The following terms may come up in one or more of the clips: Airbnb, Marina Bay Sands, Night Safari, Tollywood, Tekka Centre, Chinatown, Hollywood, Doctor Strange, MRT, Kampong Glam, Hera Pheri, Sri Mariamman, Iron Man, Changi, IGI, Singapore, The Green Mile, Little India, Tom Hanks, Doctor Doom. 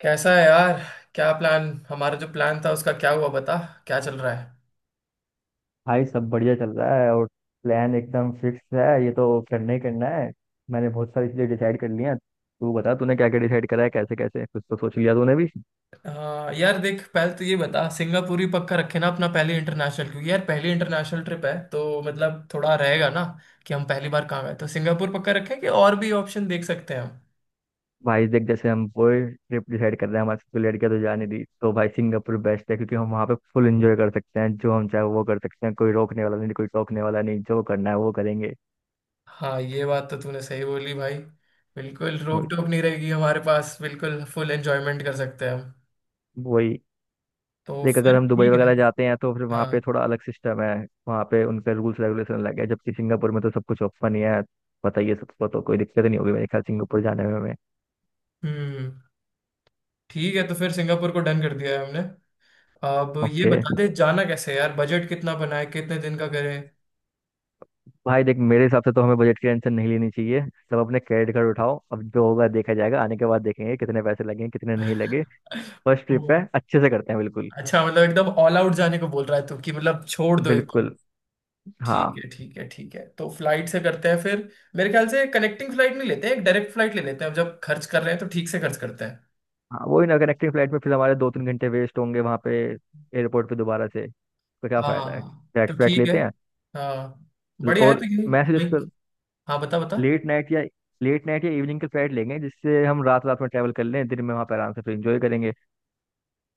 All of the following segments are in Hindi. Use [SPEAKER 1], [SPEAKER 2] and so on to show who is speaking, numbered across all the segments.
[SPEAKER 1] कैसा है यार। क्या प्लान हमारा जो प्लान था उसका क्या हुआ बता। क्या चल रहा है।
[SPEAKER 2] भाई, सब बढ़िया चल रहा है। और प्लान एकदम फिक्स है, ये तो करना ही करना है। मैंने बहुत सारी चीज़ें डिसाइड कर ली हैं, तू बता तूने क्या क्या डिसाइड करा है, कैसे कैसे, कुछ तो सोच लिया तूने भी।
[SPEAKER 1] हाँ यार देख पहले तो ये बता, सिंगापुर ही पक्का रखे ना अपना पहले इंटरनेशनल, क्योंकि यार पहली इंटरनेशनल ट्रिप है तो मतलब थोड़ा रहेगा ना कि हम पहली बार कहाँ गए, तो सिंगापुर पक्का रखें कि और भी ऑप्शन देख सकते हैं हम।
[SPEAKER 2] भाई देख, जैसे हम कोई ट्रिप डिसाइड कर रहे हैं, हमारे साथ कोई लड़कियां तो जाने दी, तो भाई सिंगापुर बेस्ट है क्योंकि हम वहाँ पे फुल एंजॉय कर सकते हैं। जो हम चाहे वो कर सकते हैं, कोई रोकने वाला नहीं, कोई टोकने वाला नहीं, जो करना है वो करेंगे।
[SPEAKER 1] हाँ ये बात तो तूने सही बोली भाई। बिल्कुल
[SPEAKER 2] वही
[SPEAKER 1] रोक टोक
[SPEAKER 2] तो-
[SPEAKER 1] नहीं रहेगी हमारे पास, बिल्कुल फुल एंजॉयमेंट कर सकते हैं हम।
[SPEAKER 2] वही।
[SPEAKER 1] तो
[SPEAKER 2] देख, अगर
[SPEAKER 1] फिर
[SPEAKER 2] हम दुबई
[SPEAKER 1] ठीक है।
[SPEAKER 2] वगैरह जाते हैं तो फिर वहाँ
[SPEAKER 1] हाँ।
[SPEAKER 2] पे थोड़ा अलग सिस्टम है। वहाँ पे उनका रूल्स रेगुलेशन अलग है, जबकि सिंगापुर में तो सब कुछ ओपन ही है। पता ही है सबको, तो कोई दिक्कत नहीं होगी मेरे ख्याल, सिंगापुर जाने में हमें।
[SPEAKER 1] हम्म। ठीक है तो फिर सिंगापुर को डन कर दिया है हमने। अब ये
[SPEAKER 2] ओके।
[SPEAKER 1] बता दे जाना कैसे है यार, बजट कितना बनाए, कितने दिन का करें।
[SPEAKER 2] भाई देख, मेरे हिसाब से तो हमें बजट की टेंशन नहीं लेनी चाहिए, सब अपने क्रेडिट कार्ड उठाओ, अब जो होगा देखा जाएगा, आने के बाद देखेंगे कितने पैसे लगे कितने नहीं लगे। फर्स्ट ट्रिप है, अच्छे से करते हैं बिल्कुल।
[SPEAKER 1] अच्छा मतलब एकदम ऑल आउट जाने को बोल रहा है तू, कि मतलब छोड़ दो एकदम।
[SPEAKER 2] बिल्कुल।
[SPEAKER 1] ठीक
[SPEAKER 2] हाँ।
[SPEAKER 1] है ठीक है ठीक है, तो फ्लाइट से करते हैं फिर। मेरे ख्याल से कनेक्टिंग फ्लाइट नहीं लेते हैं, एक डायरेक्ट फ्लाइट ले लेते हैं, अब जब खर्च कर रहे हैं तो ठीक से खर्च करते हैं।
[SPEAKER 2] हाँ वही ना, कनेक्टिंग फ्लाइट में फिर हमारे 2 3 घंटे वेस्ट होंगे वहाँ पे एयरपोर्ट पे दोबारा से। तो क्या फायदा है,
[SPEAKER 1] हाँ तो
[SPEAKER 2] फ्लैट फ्लैट
[SPEAKER 1] ठीक है।
[SPEAKER 2] लेते हैं।
[SPEAKER 1] हाँ। बढ़िया है तो
[SPEAKER 2] और
[SPEAKER 1] यही।
[SPEAKER 2] मैं सजेस्ट
[SPEAKER 1] वही।
[SPEAKER 2] कर
[SPEAKER 1] हाँ बता बता।
[SPEAKER 2] लेट नाइट या लेट नाइट या इवनिंग के फ्लाइट लेंगे जिससे हम रात रात में ट्रैवल कर लें, दिन में वहाँ पर आराम से फिर इंजॉय करेंगे।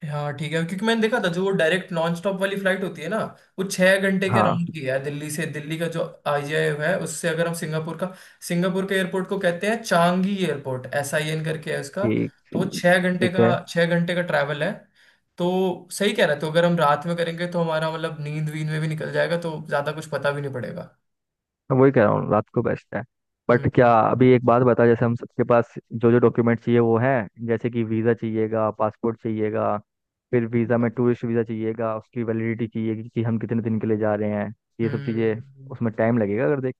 [SPEAKER 1] हाँ ठीक है, क्योंकि मैंने देखा था जो वो डायरेक्ट नॉन स्टॉप वाली फ्लाइट होती है ना, वो 6 घंटे के
[SPEAKER 2] हाँ
[SPEAKER 1] अराउंड की है दिल्ली से, दिल्ली का जो आईजीआई है उससे अगर हम सिंगापुर का, सिंगापुर के एयरपोर्ट को कहते हैं चांगी एयरपोर्ट, SIN करके है उसका।
[SPEAKER 2] ठीक
[SPEAKER 1] तो वो 6 घंटे
[SPEAKER 2] ठीक है।
[SPEAKER 1] का 6 घंटे का ट्रैवल है। तो सही कह रहे, तो अगर हम रात में करेंगे तो हमारा मतलब नींद वींद में भी निकल जाएगा, तो ज्यादा कुछ पता भी नहीं पड़ेगा।
[SPEAKER 2] मैं वही कह रहा हूँ, रात को बेस्ट है। बट क्या
[SPEAKER 1] हम्म।
[SPEAKER 2] अभी एक बात बता, जैसे हम सबके पास जो जो डॉक्यूमेंट चाहिए वो है? जैसे कि वीज़ा चाहिएगा, पासपोर्ट चाहिएगा, फिर वीज़ा
[SPEAKER 1] हम्म।
[SPEAKER 2] में टूरिस्ट वीज़ा चाहिएगा, उसकी वैलिडिटी चाहिएगी कि हम कितने दिन के लिए जा रहे हैं, ये सब चीज़ें।
[SPEAKER 1] हम्म।
[SPEAKER 2] उसमें टाइम लगेगा अगर। देख,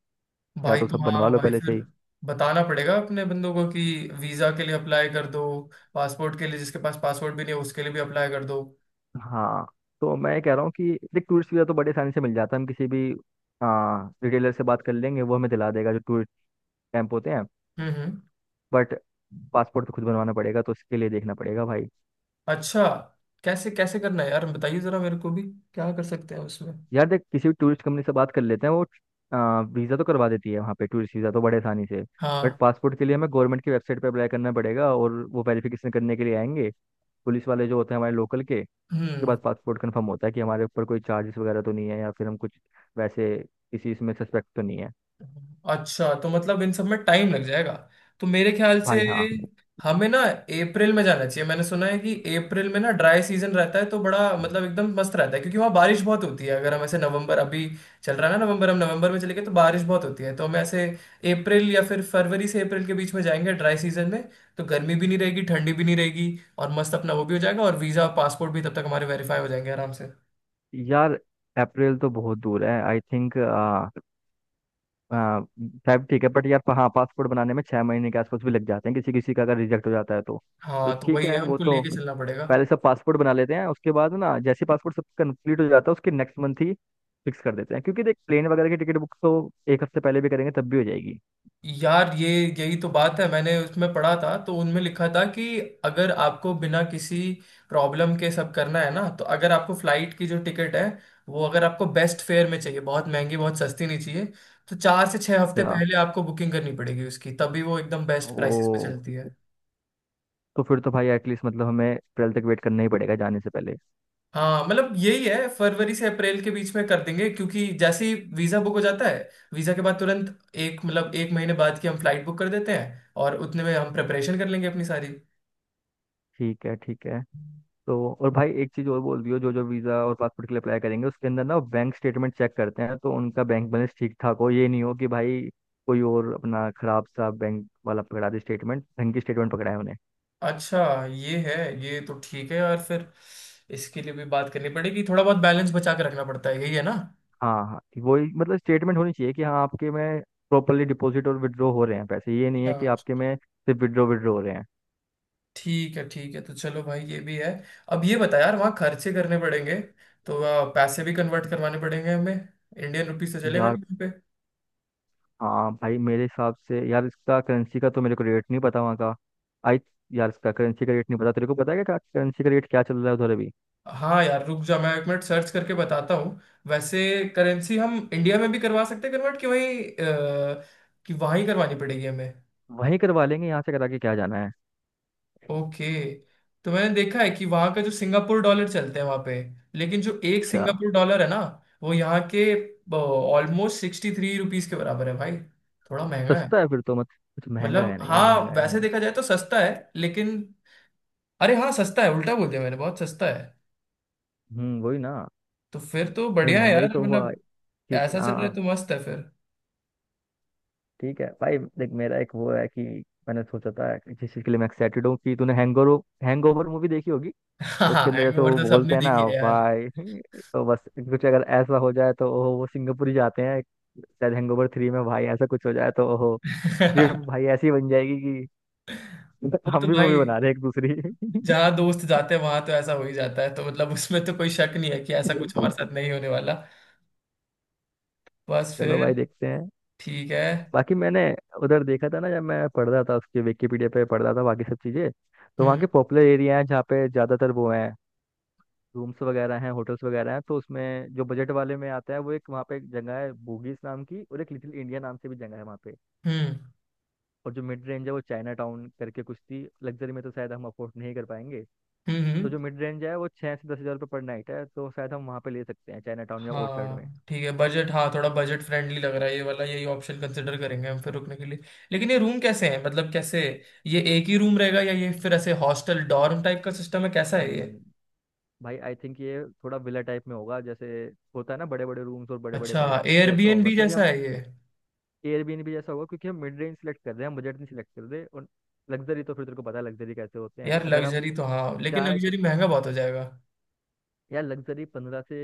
[SPEAKER 2] या
[SPEAKER 1] भाई
[SPEAKER 2] तो
[SPEAKER 1] तो
[SPEAKER 2] सब बनवा
[SPEAKER 1] हाँ
[SPEAKER 2] लो
[SPEAKER 1] भाई
[SPEAKER 2] पहले
[SPEAKER 1] फिर
[SPEAKER 2] से ही।
[SPEAKER 1] बताना पड़ेगा अपने बंदों को कि वीजा के लिए अप्लाई कर दो, पासपोर्ट के लिए जिसके पास पासपोर्ट भी नहीं है उसके लिए भी अप्लाई कर दो।
[SPEAKER 2] हाँ, तो मैं कह रहा हूँ कि देख टूरिस्ट वीज़ा तो बड़े आसानी से मिल जाता है। हम किसी भी रिटेलर से बात कर लेंगे, वो हमें दिला देगा जो टूरिस्ट कैंप होते हैं।
[SPEAKER 1] हम्म।
[SPEAKER 2] बट पासपोर्ट तो खुद बनवाना पड़ेगा, तो उसके लिए देखना पड़ेगा भाई।
[SPEAKER 1] अच्छा, कैसे कैसे करना है यार, बताइए जरा मेरे को भी क्या कर सकते हैं उसमें।
[SPEAKER 2] यार देख, किसी भी टूरिस्ट कंपनी से बात कर लेते हैं, वो वीज़ा तो करवा देती है वहाँ पे, टूरिस्ट वीज़ा तो बड़े आसानी से। बट
[SPEAKER 1] हाँ।
[SPEAKER 2] पासपोर्ट के लिए हमें गवर्नमेंट की वेबसाइट पर अप्लाई करना पड़ेगा, और वो वेरिफिकेशन करने के लिए आएंगे, पुलिस वाले जो होते हैं हमारे लोकल के। उसके
[SPEAKER 1] हम्म।
[SPEAKER 2] बाद पासपोर्ट कंफर्म होता है कि हमारे ऊपर कोई चार्जेस वगैरह तो नहीं है, या फिर हम कुछ वैसे किसी इसमें सस्पेक्ट तो नहीं है।
[SPEAKER 1] अच्छा तो मतलब इन सब में टाइम लग जाएगा। तो मेरे ख्याल से
[SPEAKER 2] भाई हाँ।
[SPEAKER 1] हमें ना अप्रैल में जाना चाहिए, मैंने सुना है कि अप्रैल में ना ड्राई सीजन रहता है तो बड़ा मतलब एकदम मस्त रहता है, क्योंकि वहाँ बारिश बहुत होती है, अगर हम ऐसे नवंबर अभी चल रहा है ना नवंबर, हम नवंबर में चले गए तो बारिश बहुत होती है, तो हम ऐसे अप्रैल या फिर फरवरी से अप्रैल के बीच में जाएंगे ड्राई सीजन में। तो गर्मी भी नहीं रहेगी ठंडी भी नहीं रहेगी और मस्त अपना वो भी हो जाएगा, और वीज़ा और पासपोर्ट भी तब तक हमारे वेरीफाई हो जाएंगे आराम से।
[SPEAKER 2] यार, अप्रैल तो बहुत दूर है आई थिंक। शायद ठीक है। बट यार हाँ, पासपोर्ट बनाने में 6 महीने के आसपास भी लग जाते हैं किसी किसी का, अगर रिजेक्ट हो जाता है तो। तो
[SPEAKER 1] हाँ तो
[SPEAKER 2] ठीक
[SPEAKER 1] वही है,
[SPEAKER 2] है वो
[SPEAKER 1] उनको
[SPEAKER 2] तो,
[SPEAKER 1] लेके चलना पड़ेगा।
[SPEAKER 2] पहले सब पासपोर्ट बना लेते हैं। उसके बाद ना, जैसे पासपोर्ट सब कंप्लीट हो जाता है उसके नेक्स्ट मंथ ही फिक्स कर देते हैं, क्योंकि देख प्लेन वगैरह की टिकट बुक तो एक हफ्ते पहले भी करेंगे तब भी हो जाएगी।
[SPEAKER 1] यार ये, यही तो बात है, मैंने उसमें पढ़ा था तो उनमें लिखा था कि अगर आपको बिना किसी प्रॉब्लम के सब करना है ना, तो अगर आपको फ्लाइट की जो टिकट है वो अगर आपको बेस्ट फेयर में चाहिए, बहुत महंगी बहुत सस्ती नहीं चाहिए, तो 4 से 6 हफ्ते
[SPEAKER 2] अच्छा।
[SPEAKER 1] पहले आपको बुकिंग करनी पड़ेगी उसकी, तभी वो एकदम बेस्ट प्राइसेस पे
[SPEAKER 2] ओ।
[SPEAKER 1] चलती है।
[SPEAKER 2] तो फिर तो भाई एटलीस्ट मतलब हमें अप्रैल तक वेट करना ही पड़ेगा जाने से पहले।
[SPEAKER 1] हाँ मतलब यही है, फरवरी से अप्रैल के बीच में कर देंगे, क्योंकि जैसे ही वीज़ा बुक हो जाता है, वीज़ा के बाद तुरंत एक मतलब 1 महीने बाद की हम फ्लाइट बुक कर देते हैं और उतने में हम प्रेपरेशन कर लेंगे अपनी सारी।
[SPEAKER 2] ठीक है, ठीक है। तो और भाई एक चीज़ और बोल दियो, जो जो वीज़ा और पासपोर्ट के लिए अप्लाई करेंगे उसके अंदर ना बैंक स्टेटमेंट चेक करते हैं, तो उनका बैंक बैलेंस ठीक ठाक हो। ये नहीं हो कि भाई कोई और अपना खराब सा बैंक वाला पकड़ा दे स्टेटमेंट, बैंक की स्टेटमेंट पकड़ा है उन्हें।
[SPEAKER 1] अच्छा। ये है, ये तो ठीक है यार फिर, इसके लिए भी बात करनी पड़ेगी, थोड़ा बहुत बैलेंस बचा के रखना पड़ता है, यही है ना।
[SPEAKER 2] हाँ हाँ, वही मतलब स्टेटमेंट होनी चाहिए कि हाँ आपके में प्रॉपरली डिपॉजिट और विड्रॉ हो रहे हैं पैसे, ये नहीं
[SPEAKER 1] अच्छा
[SPEAKER 2] है कि आपके
[SPEAKER 1] अच्छा।
[SPEAKER 2] में सिर्फ विड्रॉ विड्रॉ हो रहे हैं।
[SPEAKER 1] ठीक है ठीक है, तो चलो भाई ये भी है। अब ये बता यार वहाँ खर्चे करने पड़ेंगे, तो पैसे भी कन्वर्ट करवाने पड़ेंगे हमें, इंडियन रुपीस से चलेगा
[SPEAKER 2] यार
[SPEAKER 1] नहीं वहाँ पे।
[SPEAKER 2] हाँ भाई, मेरे हिसाब से यार इसका करेंसी का तो मेरे को रेट नहीं पता वहाँ का। आई यार, इसका करेंसी का रेट नहीं पता, तेरे को पता है क्या, करेंसी का रेट क्या चल रहा है उधर अभी?
[SPEAKER 1] हाँ यार रुक जा मैं एक मिनट सर्च करके बताता हूँ। वैसे करेंसी हम इंडिया में भी करवा सकते हैं कन्वर्ट, कि वहीं कि वहाँ ही करवानी पड़ेगी हमें।
[SPEAKER 2] वहीं करवा लेंगे, यहाँ से करा के क्या जाना है।
[SPEAKER 1] ओके। तो मैंने देखा है कि वहां का जो सिंगापुर डॉलर चलते हैं वहां पे, लेकिन जो एक
[SPEAKER 2] अच्छा।
[SPEAKER 1] सिंगापुर डॉलर है ना वो यहाँ के ऑलमोस्ट 63 रुपीज के बराबर है भाई, थोड़ा महंगा है,
[SPEAKER 2] सस्ता है फिर तो, मत, कुछ महंगा
[SPEAKER 1] मतलब
[SPEAKER 2] है नहीं यार,
[SPEAKER 1] हाँ
[SPEAKER 2] महंगा है,
[SPEAKER 1] वैसे
[SPEAKER 2] महंगा
[SPEAKER 1] देखा जाए तो सस्ता है लेकिन, अरे हाँ सस्ता है, उल्टा बोल दिया मैंने, बहुत सस्ता है।
[SPEAKER 2] है। वही ना।
[SPEAKER 1] तो फिर तो
[SPEAKER 2] नहीं,
[SPEAKER 1] बढ़िया है
[SPEAKER 2] महंगा
[SPEAKER 1] यार,
[SPEAKER 2] ही तो हुआ।
[SPEAKER 1] मतलब
[SPEAKER 2] ठीक,
[SPEAKER 1] ऐसा चल
[SPEAKER 2] हाँ
[SPEAKER 1] रहा है
[SPEAKER 2] हाँ।
[SPEAKER 1] तो मस्त है फिर।
[SPEAKER 2] ठीक है भाई देख, मेरा एक वो है कि मैंने सोचा था कि जिस चीज़ के लिए मैं एक्साइटेड हूँ कि तूने हैंगओवर हैंगओवर मूवी देखी होगी। उसके
[SPEAKER 1] हाँ
[SPEAKER 2] अंदर जैसे
[SPEAKER 1] हैंगओवर
[SPEAKER 2] वो
[SPEAKER 1] तो
[SPEAKER 2] बोलते
[SPEAKER 1] सबने
[SPEAKER 2] हैं ना
[SPEAKER 1] देखी है यार।
[SPEAKER 2] भाई, तो बस कुछ अगर ऐसा हो जाए तो ओहो, वो सिंगापुर ही जाते हैं शायद हैंगओवर थ्री में, भाई ऐसा कुछ हो जाए तो ओहो, ट्रिप भाई ऐसी बन जाएगी कि
[SPEAKER 1] वो तो
[SPEAKER 2] हम भी मूवी
[SPEAKER 1] भाई,
[SPEAKER 2] बना रहे हैं एक दूसरी।
[SPEAKER 1] जहाँ दोस्त जाते हैं वहां तो ऐसा हो ही जाता है, तो मतलब उसमें तो कोई शक नहीं है कि ऐसा कुछ हमारे साथ नहीं होने वाला। बस फिर।
[SPEAKER 2] चलो भाई देखते हैं।
[SPEAKER 1] ठीक है।
[SPEAKER 2] बाकी मैंने उधर देखा था ना, जब मैं पढ़ रहा था उसके विकिपीडिया पे पढ़ रहा था बाकी सब चीज़ें। तो वहाँ के
[SPEAKER 1] हम्म
[SPEAKER 2] पॉपुलर एरिया हैं जहाँ पे ज़्यादातर वो हैं, रूम्स वगैरह हैं होटल्स वगैरह हैं। तो उसमें जो बजट वाले में आता है वो एक, वहाँ पे एक जगह है बूगीज नाम की, और एक लिटिल इंडिया नाम से भी जगह है वहाँ पे।
[SPEAKER 1] हम्म।
[SPEAKER 2] और जो मिड रेंज है वो चाइना टाउन करके कुछ थी, लग्जरी में तो शायद हम अफोर्ड नहीं कर पाएंगे।
[SPEAKER 1] हम्म हम्म,
[SPEAKER 2] तो जो मिड रेंज है वो 6 से 10,000 रुपये पर नाइट है, तो शायद हम वहाँ पे ले सकते हैं चाइना टाउन या ओर्चर्ड में।
[SPEAKER 1] हाँ ठीक है बजट, हाँ थोड़ा बजट फ्रेंडली लग रहा है ये वाला, यही ऑप्शन कंसिडर करेंगे हम फिर रुकने के लिए। लेकिन ये रूम कैसे हैं, मतलब कैसे, ये एक ही रूम रहेगा या ये फिर ऐसे हॉस्टल डॉर्म टाइप का सिस्टम है, कैसा है ये।
[SPEAKER 2] हम्म। भाई आई थिंक ये थोड़ा विला टाइप में होगा, जैसे होता है ना बड़े बड़े रूम्स और बड़े बड़े
[SPEAKER 1] अच्छा
[SPEAKER 2] बेड, उस टाइप का होगा
[SPEAKER 1] एयरबीएनबी
[SPEAKER 2] क्योंकि
[SPEAKER 1] जैसा
[SPEAKER 2] हम
[SPEAKER 1] है ये।
[SPEAKER 2] एयरबीएनबी जैसा होगा, क्योंकि हम मिड रेंज सिलेक्ट कर रहे हैं, हम बजट नहीं सिलेक्ट कर रहे। और लग्जरी तो फिर तेरे को पता है लग्जरी कैसे होते हैं,
[SPEAKER 1] यार
[SPEAKER 2] अगर हम
[SPEAKER 1] लग्जरी तो हाँ लेकिन
[SPEAKER 2] चाहे तो।
[SPEAKER 1] लग्जरी महंगा बहुत हो जाएगा।
[SPEAKER 2] यार लग्जरी 15 से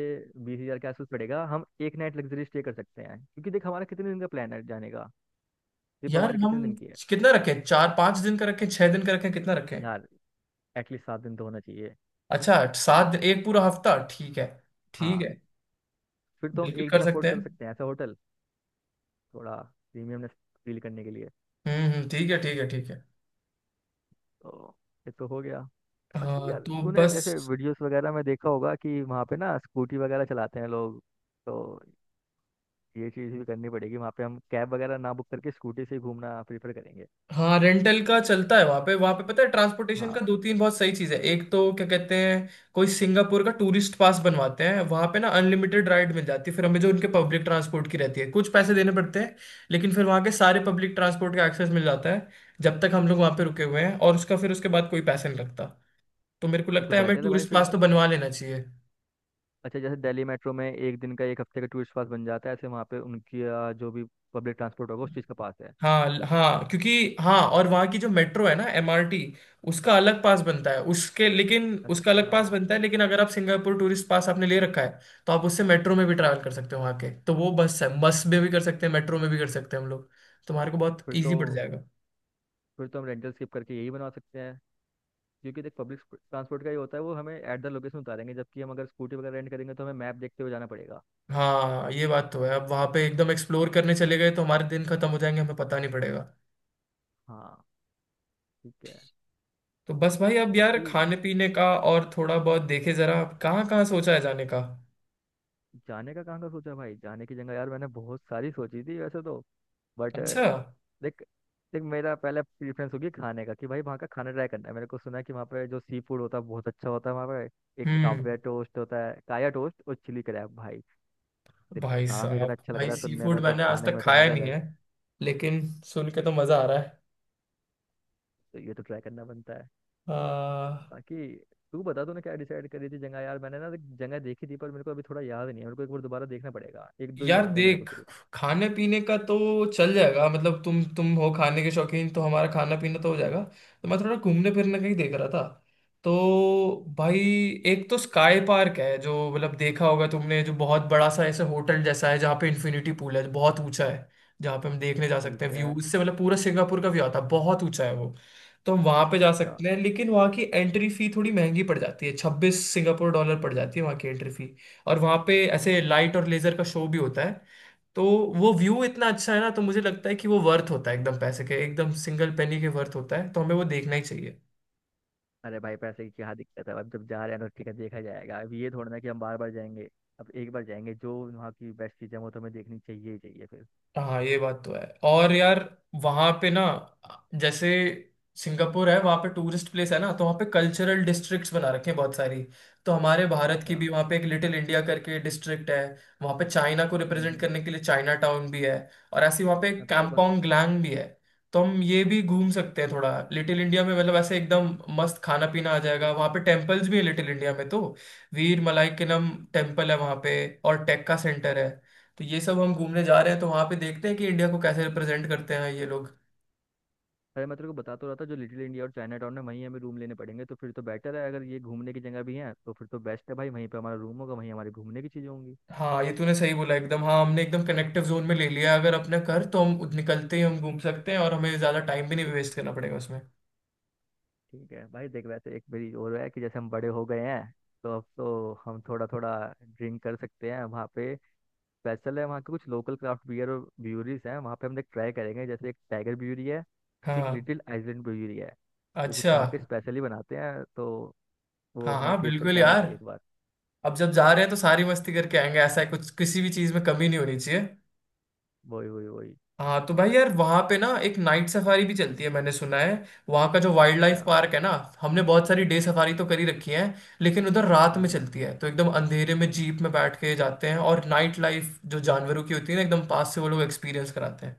[SPEAKER 2] 20,000 के आसपास पड़ेगा, हम एक नाइट लग्जरी स्टे कर सकते हैं, क्योंकि देख हमारा कितने दिन का प्लान है जाने का, ट्रिप
[SPEAKER 1] यार
[SPEAKER 2] हमारी
[SPEAKER 1] हम
[SPEAKER 2] कितने दिन की है?
[SPEAKER 1] कितना रखें, 4-5 दिन का रखें, 6 दिन का रखें, कितना रखें।
[SPEAKER 2] यार एटलीस्ट 7 दिन तो होना चाहिए।
[SPEAKER 1] अच्छा 7 दिन, एक पूरा हफ्ता, ठीक है। ठीक
[SPEAKER 2] हाँ।
[SPEAKER 1] है।
[SPEAKER 2] फिर तो हम
[SPEAKER 1] बिल्कुल
[SPEAKER 2] एक
[SPEAKER 1] कर
[SPEAKER 2] दिन
[SPEAKER 1] सकते
[SPEAKER 2] अफोर्ड
[SPEAKER 1] हैं।
[SPEAKER 2] कर सकते हैं ऐसा होटल, थोड़ा प्रीमियमनेस फील करने के लिए।
[SPEAKER 1] ठीक है ठीक है ठीक है।
[SPEAKER 2] तो ये तो हो गया। बाकी
[SPEAKER 1] हाँ
[SPEAKER 2] यार
[SPEAKER 1] तो
[SPEAKER 2] तूने जैसे
[SPEAKER 1] बस।
[SPEAKER 2] वीडियोस वगैरह में देखा होगा कि वहाँ पे ना स्कूटी वगैरह चलाते हैं लोग, तो ये चीज़ भी करनी पड़ेगी वहाँ पे। हम कैब वगैरह ना बुक करके स्कूटी से ही घूमना प्रीफर करेंगे।
[SPEAKER 1] हाँ रेंटल का चलता है वहाँ पे, वहाँ पे पता है ट्रांसपोर्टेशन का
[SPEAKER 2] हाँ
[SPEAKER 1] दो तीन बहुत सही चीज़ है, एक तो क्या कहते हैं, कोई सिंगापुर का टूरिस्ट पास बनवाते हैं वहाँ पे ना, अनलिमिटेड राइड मिल जाती है फिर हमें जो उनके पब्लिक ट्रांसपोर्ट की रहती है, कुछ पैसे देने पड़ते हैं लेकिन फिर वहाँ के सारे पब्लिक ट्रांसपोर्ट का एक्सेस मिल जाता है जब तक हम लोग वहाँ पे रुके हुए हैं, और उसका फिर उसके बाद कोई पैसा नहीं लगता। तो मेरे को
[SPEAKER 2] ये
[SPEAKER 1] लगता
[SPEAKER 2] तो
[SPEAKER 1] है हमें
[SPEAKER 2] बेटर है भाई
[SPEAKER 1] टूरिस्ट
[SPEAKER 2] फिर।
[SPEAKER 1] पास तो बनवा लेना चाहिए।
[SPEAKER 2] अच्छा, जैसे दिल्ली मेट्रो में एक दिन का एक हफ्ते का टूरिस्ट पास बन जाता है, ऐसे वहाँ पे उनकी जो भी पब्लिक ट्रांसपोर्ट होगा उस चीज़ का पास है।
[SPEAKER 1] हाँ हाँ, क्योंकि हाँ और वहाँ की जो मेट्रो है ना एमआरटी, उसका अलग पास बनता है उसके, लेकिन उसका अलग
[SPEAKER 2] अच्छा।
[SPEAKER 1] पास बनता है, लेकिन अगर आप सिंगापुर टूरिस्ट पास आपने ले रखा है तो आप उससे मेट्रो में भी ट्रैवल कर सकते हो, वहाँ के तो वो बस है, बस में भी कर सकते हैं मेट्रो में भी कर सकते हैं हम लोग, तुम्हारे को बहुत
[SPEAKER 2] फिर तो
[SPEAKER 1] ईजी पड़ जाएगा।
[SPEAKER 2] फिर तो हम रेंटल स्किप करके यही बनवा सकते हैं, क्योंकि देख पब्लिक ट्रांसपोर्ट का ही होता है वो, हमें एट द लोकेशन उतारेंगे, जबकि हम अगर स्कूटी वगैरह रेंट करेंगे तो हमें मैप देखते हुए जाना पड़ेगा।
[SPEAKER 1] हाँ ये बात तो है, अब वहाँ पे एकदम एक्सप्लोर करने चले गए तो हमारे दिन खत्म हो जाएंगे, हमें पता नहीं पड़ेगा।
[SPEAKER 2] हाँ। ठीक है।
[SPEAKER 1] तो बस भाई, अब यार
[SPEAKER 2] बाकी
[SPEAKER 1] खाने पीने का और थोड़ा बहुत देखे जरा कहाँ कहाँ सोचा है जाने का।
[SPEAKER 2] जाने का कहाँ का सोचा भाई, जाने की जगह यार मैंने बहुत सारी सोची थी वैसे तो, बट
[SPEAKER 1] अच्छा।
[SPEAKER 2] देख। देख मेरा पहले प्रेफरेंस होगी खाने का, कि भाई वहाँ का खाना ट्राई करना है। मेरे को सुना है कि वहाँ पे जो सी फूड होता है बहुत अच्छा होता है। वहाँ पे एक
[SPEAKER 1] हम्म।
[SPEAKER 2] काव्या टोस्ट होता है, काया टोस्ट और चिली क्रैब भाई। देख
[SPEAKER 1] भाई
[SPEAKER 2] नाम ही
[SPEAKER 1] साहब,
[SPEAKER 2] इतना अच्छा लग
[SPEAKER 1] भाई
[SPEAKER 2] रहा है
[SPEAKER 1] सी
[SPEAKER 2] सुनने
[SPEAKER 1] फूड
[SPEAKER 2] में, तो
[SPEAKER 1] मैंने आज
[SPEAKER 2] खाने
[SPEAKER 1] तक
[SPEAKER 2] में तो
[SPEAKER 1] खाया
[SPEAKER 2] मजा आ
[SPEAKER 1] नहीं है,
[SPEAKER 2] जाएगा।
[SPEAKER 1] लेकिन सुन के तो मजा आ रहा
[SPEAKER 2] तो ये तो ट्राई करना बनता है।
[SPEAKER 1] है।
[SPEAKER 2] बाकी तू बता, तूने क्या डिसाइड करी थी जगह? यार मैंने ना देख, जगह देखी थी पर मेरे को अभी थोड़ा याद नहीं है, मेरे को एक बार दोबारा देखना पड़ेगा, एक दो ही
[SPEAKER 1] यार
[SPEAKER 2] याद है मेरे को
[SPEAKER 1] देख
[SPEAKER 2] सिर्फ।
[SPEAKER 1] खाने पीने का तो चल जाएगा, मतलब तुम हो खाने के शौकीन तो हमारा खाना पीना तो हो जाएगा, तो मैं थोड़ा घूमने फिरने का ही देख रहा था। तो भाई, एक तो स्काई पार्क है जो मतलब देखा होगा तुमने, जो बहुत बड़ा सा ऐसे होटल जैसा है, जहाँ पे इन्फिनिटी पूल है जो बहुत ऊंचा है, जहाँ पे हम देखने जा सकते हैं
[SPEAKER 2] ठीक है।
[SPEAKER 1] व्यू, उससे मतलब पूरा सिंगापुर का व्यू आता है, बहुत ऊंचा है वो। तो हम वहाँ पे जा
[SPEAKER 2] अच्छा।
[SPEAKER 1] सकते हैं, लेकिन वहाँ की एंट्री फी थोड़ी महंगी पड़ जाती है, 26 सिंगापुर डॉलर पड़ जाती है वहाँ की एंट्री फी, और वहाँ पे ऐसे लाइट और लेजर का शो भी होता है। तो वो व्यू इतना अच्छा है ना, तो मुझे लगता है कि वो वर्थ होता है, एकदम पैसे के एकदम सिंगल पेनी के वर्थ होता है, तो हमें वो देखना ही चाहिए।
[SPEAKER 2] अरे भाई पैसे की क्या दिक्कत है, अब जब जा रहे हैं तो ठीक है, देखा जाएगा। अब ये थोड़ा ना कि हम बार बार जाएंगे, अब एक बार जाएंगे, जो वहाँ की बेस्ट चीज़ें वो तो हमें देखनी चाहिए ही चाहिए फिर।
[SPEAKER 1] हाँ ये बात तो है। और यार वहां पे ना, जैसे सिंगापुर है वहां पे टूरिस्ट प्लेस है ना, तो वहां पे कल्चरल डिस्ट्रिक्ट्स बना रखे हैं बहुत सारी, तो हमारे भारत की
[SPEAKER 2] अच्छा।
[SPEAKER 1] भी वहां पे एक लिटिल इंडिया करके डिस्ट्रिक्ट है, वहां पे चाइना को रिप्रेजेंट
[SPEAKER 2] हम्म।
[SPEAKER 1] करने के लिए चाइना टाउन भी है, और ऐसे वहां पे
[SPEAKER 2] हाँ।
[SPEAKER 1] कांगपोंग ग्लैंग भी है। तो हम ये भी घूम सकते हैं, थोड़ा लिटिल इंडिया में मतलब ऐसे एकदम मस्त खाना पीना आ जाएगा, वहां पे टेम्पल्स भी है लिटिल इंडिया में, तो वीर मलाई के नाम टेम्पल है वहां पे, और टेक्का सेंटर है। तो ये सब हम घूमने जा रहे हैं तो वहाँ पे देखते हैं कि इंडिया को कैसे रिप्रेजेंट करते हैं ये लोग।
[SPEAKER 2] अरे मैं तेरे को बता तो रहा था, जो लिटिल इंडिया और चाइना टाउन है वहीं हमें रूम लेने पड़ेंगे, तो फिर तो बेटर है अगर ये घूमने की जगह भी है। तो फिर तो बेस्ट है भाई, वहीं पे हमारा रूम होगा वहीं हमारी घूमने की चीज़ें होंगी।
[SPEAKER 1] हाँ ये तूने सही बोला एकदम, हाँ हमने एकदम कनेक्टिव जोन में ले लिया है, अगर अपने कर तो हम निकलते ही हम घूम सकते हैं और हमें ज़्यादा टाइम भी नहीं वेस्ट करना पड़ेगा उसमें।
[SPEAKER 2] ठीक है भाई देख, वैसे एक मेरी और है कि जैसे हम बड़े हो गए हैं तो अब तो हम थोड़ा थोड़ा ड्रिंक कर सकते हैं वहाँ पे। स्पेशल है वहाँ के कुछ लोकल क्राफ्ट बियर और ब्यूरीज हैं वहाँ पे, हम एक ट्राई करेंगे, जैसे एक टाइगर ब्यूरी है, एक
[SPEAKER 1] हाँ।
[SPEAKER 2] लिटिल आइलैंड ब्यूरी है। वो कुछ
[SPEAKER 1] अच्छा।
[SPEAKER 2] वहाँ के स्पेशली बनाते हैं, तो वो
[SPEAKER 1] हाँ
[SPEAKER 2] हमें
[SPEAKER 1] हाँ
[SPEAKER 2] टेस्ट
[SPEAKER 1] बिल्कुल
[SPEAKER 2] करके आनी
[SPEAKER 1] यार,
[SPEAKER 2] चाहिए एक बार।
[SPEAKER 1] अब जब जा रहे हैं तो सारी मस्ती करके आएंगे, ऐसा है कुछ किसी भी चीज़ में कमी नहीं होनी चाहिए।
[SPEAKER 2] वही वही वही।
[SPEAKER 1] हाँ तो भाई यार वहां पे ना एक नाइट सफारी भी चलती है मैंने सुना है, वहां का जो वाइल्ड लाइफ
[SPEAKER 2] अच्छा।
[SPEAKER 1] पार्क है ना, हमने बहुत सारी डे सफारी तो करी रखी है, लेकिन उधर रात में
[SPEAKER 2] हम्म।
[SPEAKER 1] चलती है, तो एकदम अंधेरे में जीप में बैठ के जाते हैं और नाइट लाइफ जो जानवरों की होती है ना एकदम पास से वो लोग एक्सपीरियंस कराते हैं।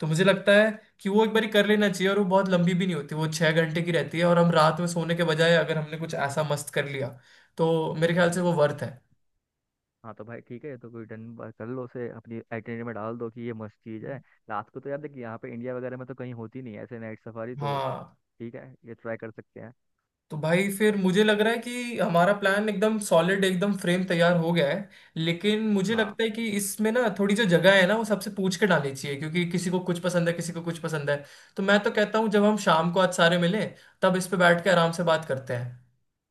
[SPEAKER 1] तो मुझे लगता है कि वो एक बार कर लेना चाहिए, और वो बहुत लंबी भी नहीं होती, वो छह घंटे की रहती है, और हम रात में सोने के बजाय अगर हमने कुछ ऐसा मस्त कर लिया तो मेरे ख्याल से वो
[SPEAKER 2] नहीं।
[SPEAKER 1] वर्थ है।
[SPEAKER 2] हाँ तो भाई ठीक है, ये तो कोई डन, बात कर लो उसे, अपनी आइटिनरी में डाल दो कि ये मस्त चीज़ है। रात को तो यार देखिए, यहाँ पे इंडिया वगैरह में तो कहीं होती नहीं है ऐसे नाइट सफारी तो।
[SPEAKER 1] हाँ
[SPEAKER 2] ठीक है, ये ट्राई कर सकते हैं।
[SPEAKER 1] तो भाई फिर मुझे लग रहा है कि हमारा प्लान एकदम सॉलिड एकदम फ्रेम तैयार हो गया है, लेकिन मुझे
[SPEAKER 2] हाँ।
[SPEAKER 1] लगता है कि इसमें ना थोड़ी जो जगह है ना वो सबसे पूछ के डालनी चाहिए, क्योंकि किसी को कुछ पसंद है किसी को कुछ पसंद है। तो मैं तो कहता हूँ जब हम शाम को आज सारे मिलें तब इस पे बैठ के आराम से बात करते हैं,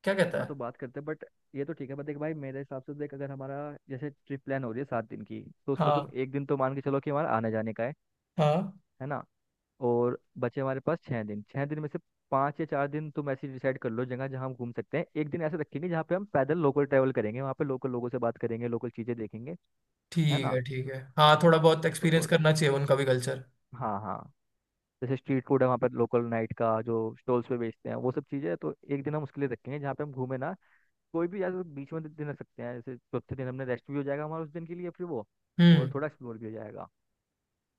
[SPEAKER 1] क्या कहता
[SPEAKER 2] हाँ तो
[SPEAKER 1] है।
[SPEAKER 2] बात करते हैं बट, ये तो ठीक है बट देख भाई, मेरे हिसाब से देख अगर हमारा, जैसे ट्रिप प्लान हो रही है 7 दिन की, तो उसमें तुम
[SPEAKER 1] हाँ
[SPEAKER 2] एक दिन तो मान के चलो कि हमारा आने जाने का है।
[SPEAKER 1] हाँ
[SPEAKER 2] है ना, और बचे हमारे पास 6 दिन। 6 दिन में से 5 या 4 दिन तुम ऐसे डिसाइड कर लो जगह जहाँ हम घूम सकते हैं। एक दिन ऐसे रखेंगे जहाँ पे हम पैदल लोकल ट्रैवल करेंगे, वहाँ पे लोकल लोगों से बात करेंगे, लोकल चीज़ें देखेंगे। है
[SPEAKER 1] ठीक
[SPEAKER 2] ना।
[SPEAKER 1] है ठीक है, हाँ थोड़ा बहुत
[SPEAKER 2] तो
[SPEAKER 1] एक्सपीरियंस
[SPEAKER 2] थोड़ा।
[SPEAKER 1] करना चाहिए उनका भी कल्चर।
[SPEAKER 2] हाँ हाँ। जैसे स्ट्रीट फूड है वहाँ पर लोकल नाइट का, जो स्टॉल्स पे बेचते हैं वो सब चीज़ें, तो एक दिन हम उसके लिए रखेंगे जहाँ पे हम घूमे ना कोई भी यार, बीच में दे दे ना सकते हैं, जैसे चौथे दिन हमने रेस्ट भी हो जाएगा हमारा उस दिन के लिए फिर वो, और
[SPEAKER 1] हम्म।
[SPEAKER 2] थोड़ा एक्सप्लोर भी हो जाएगा।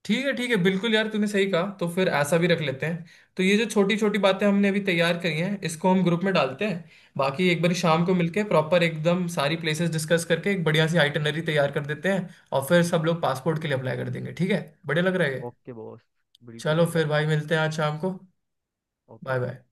[SPEAKER 1] ठीक है ठीक है, बिल्कुल यार तूने सही कहा, तो फिर ऐसा भी रख लेते हैं, तो ये जो छोटी छोटी बातें हमने अभी तैयार करी हैं इसको हम ग्रुप में डालते हैं, बाकी एक बार शाम को
[SPEAKER 2] हाँ।
[SPEAKER 1] मिलके प्रॉपर एकदम सारी प्लेसेस डिस्कस करके एक बढ़िया सी आइटनरी तैयार कर देते हैं, और फिर सब लोग पासपोर्ट के लिए अप्लाई कर देंगे, ठीक है। बढ़िया लग रहा है ये।
[SPEAKER 2] Okay boss. बिल्कुल
[SPEAKER 1] चलो फिर
[SPEAKER 2] बढ़िया।
[SPEAKER 1] भाई मिलते हैं आज शाम को। Bye
[SPEAKER 2] okay.
[SPEAKER 1] बाय।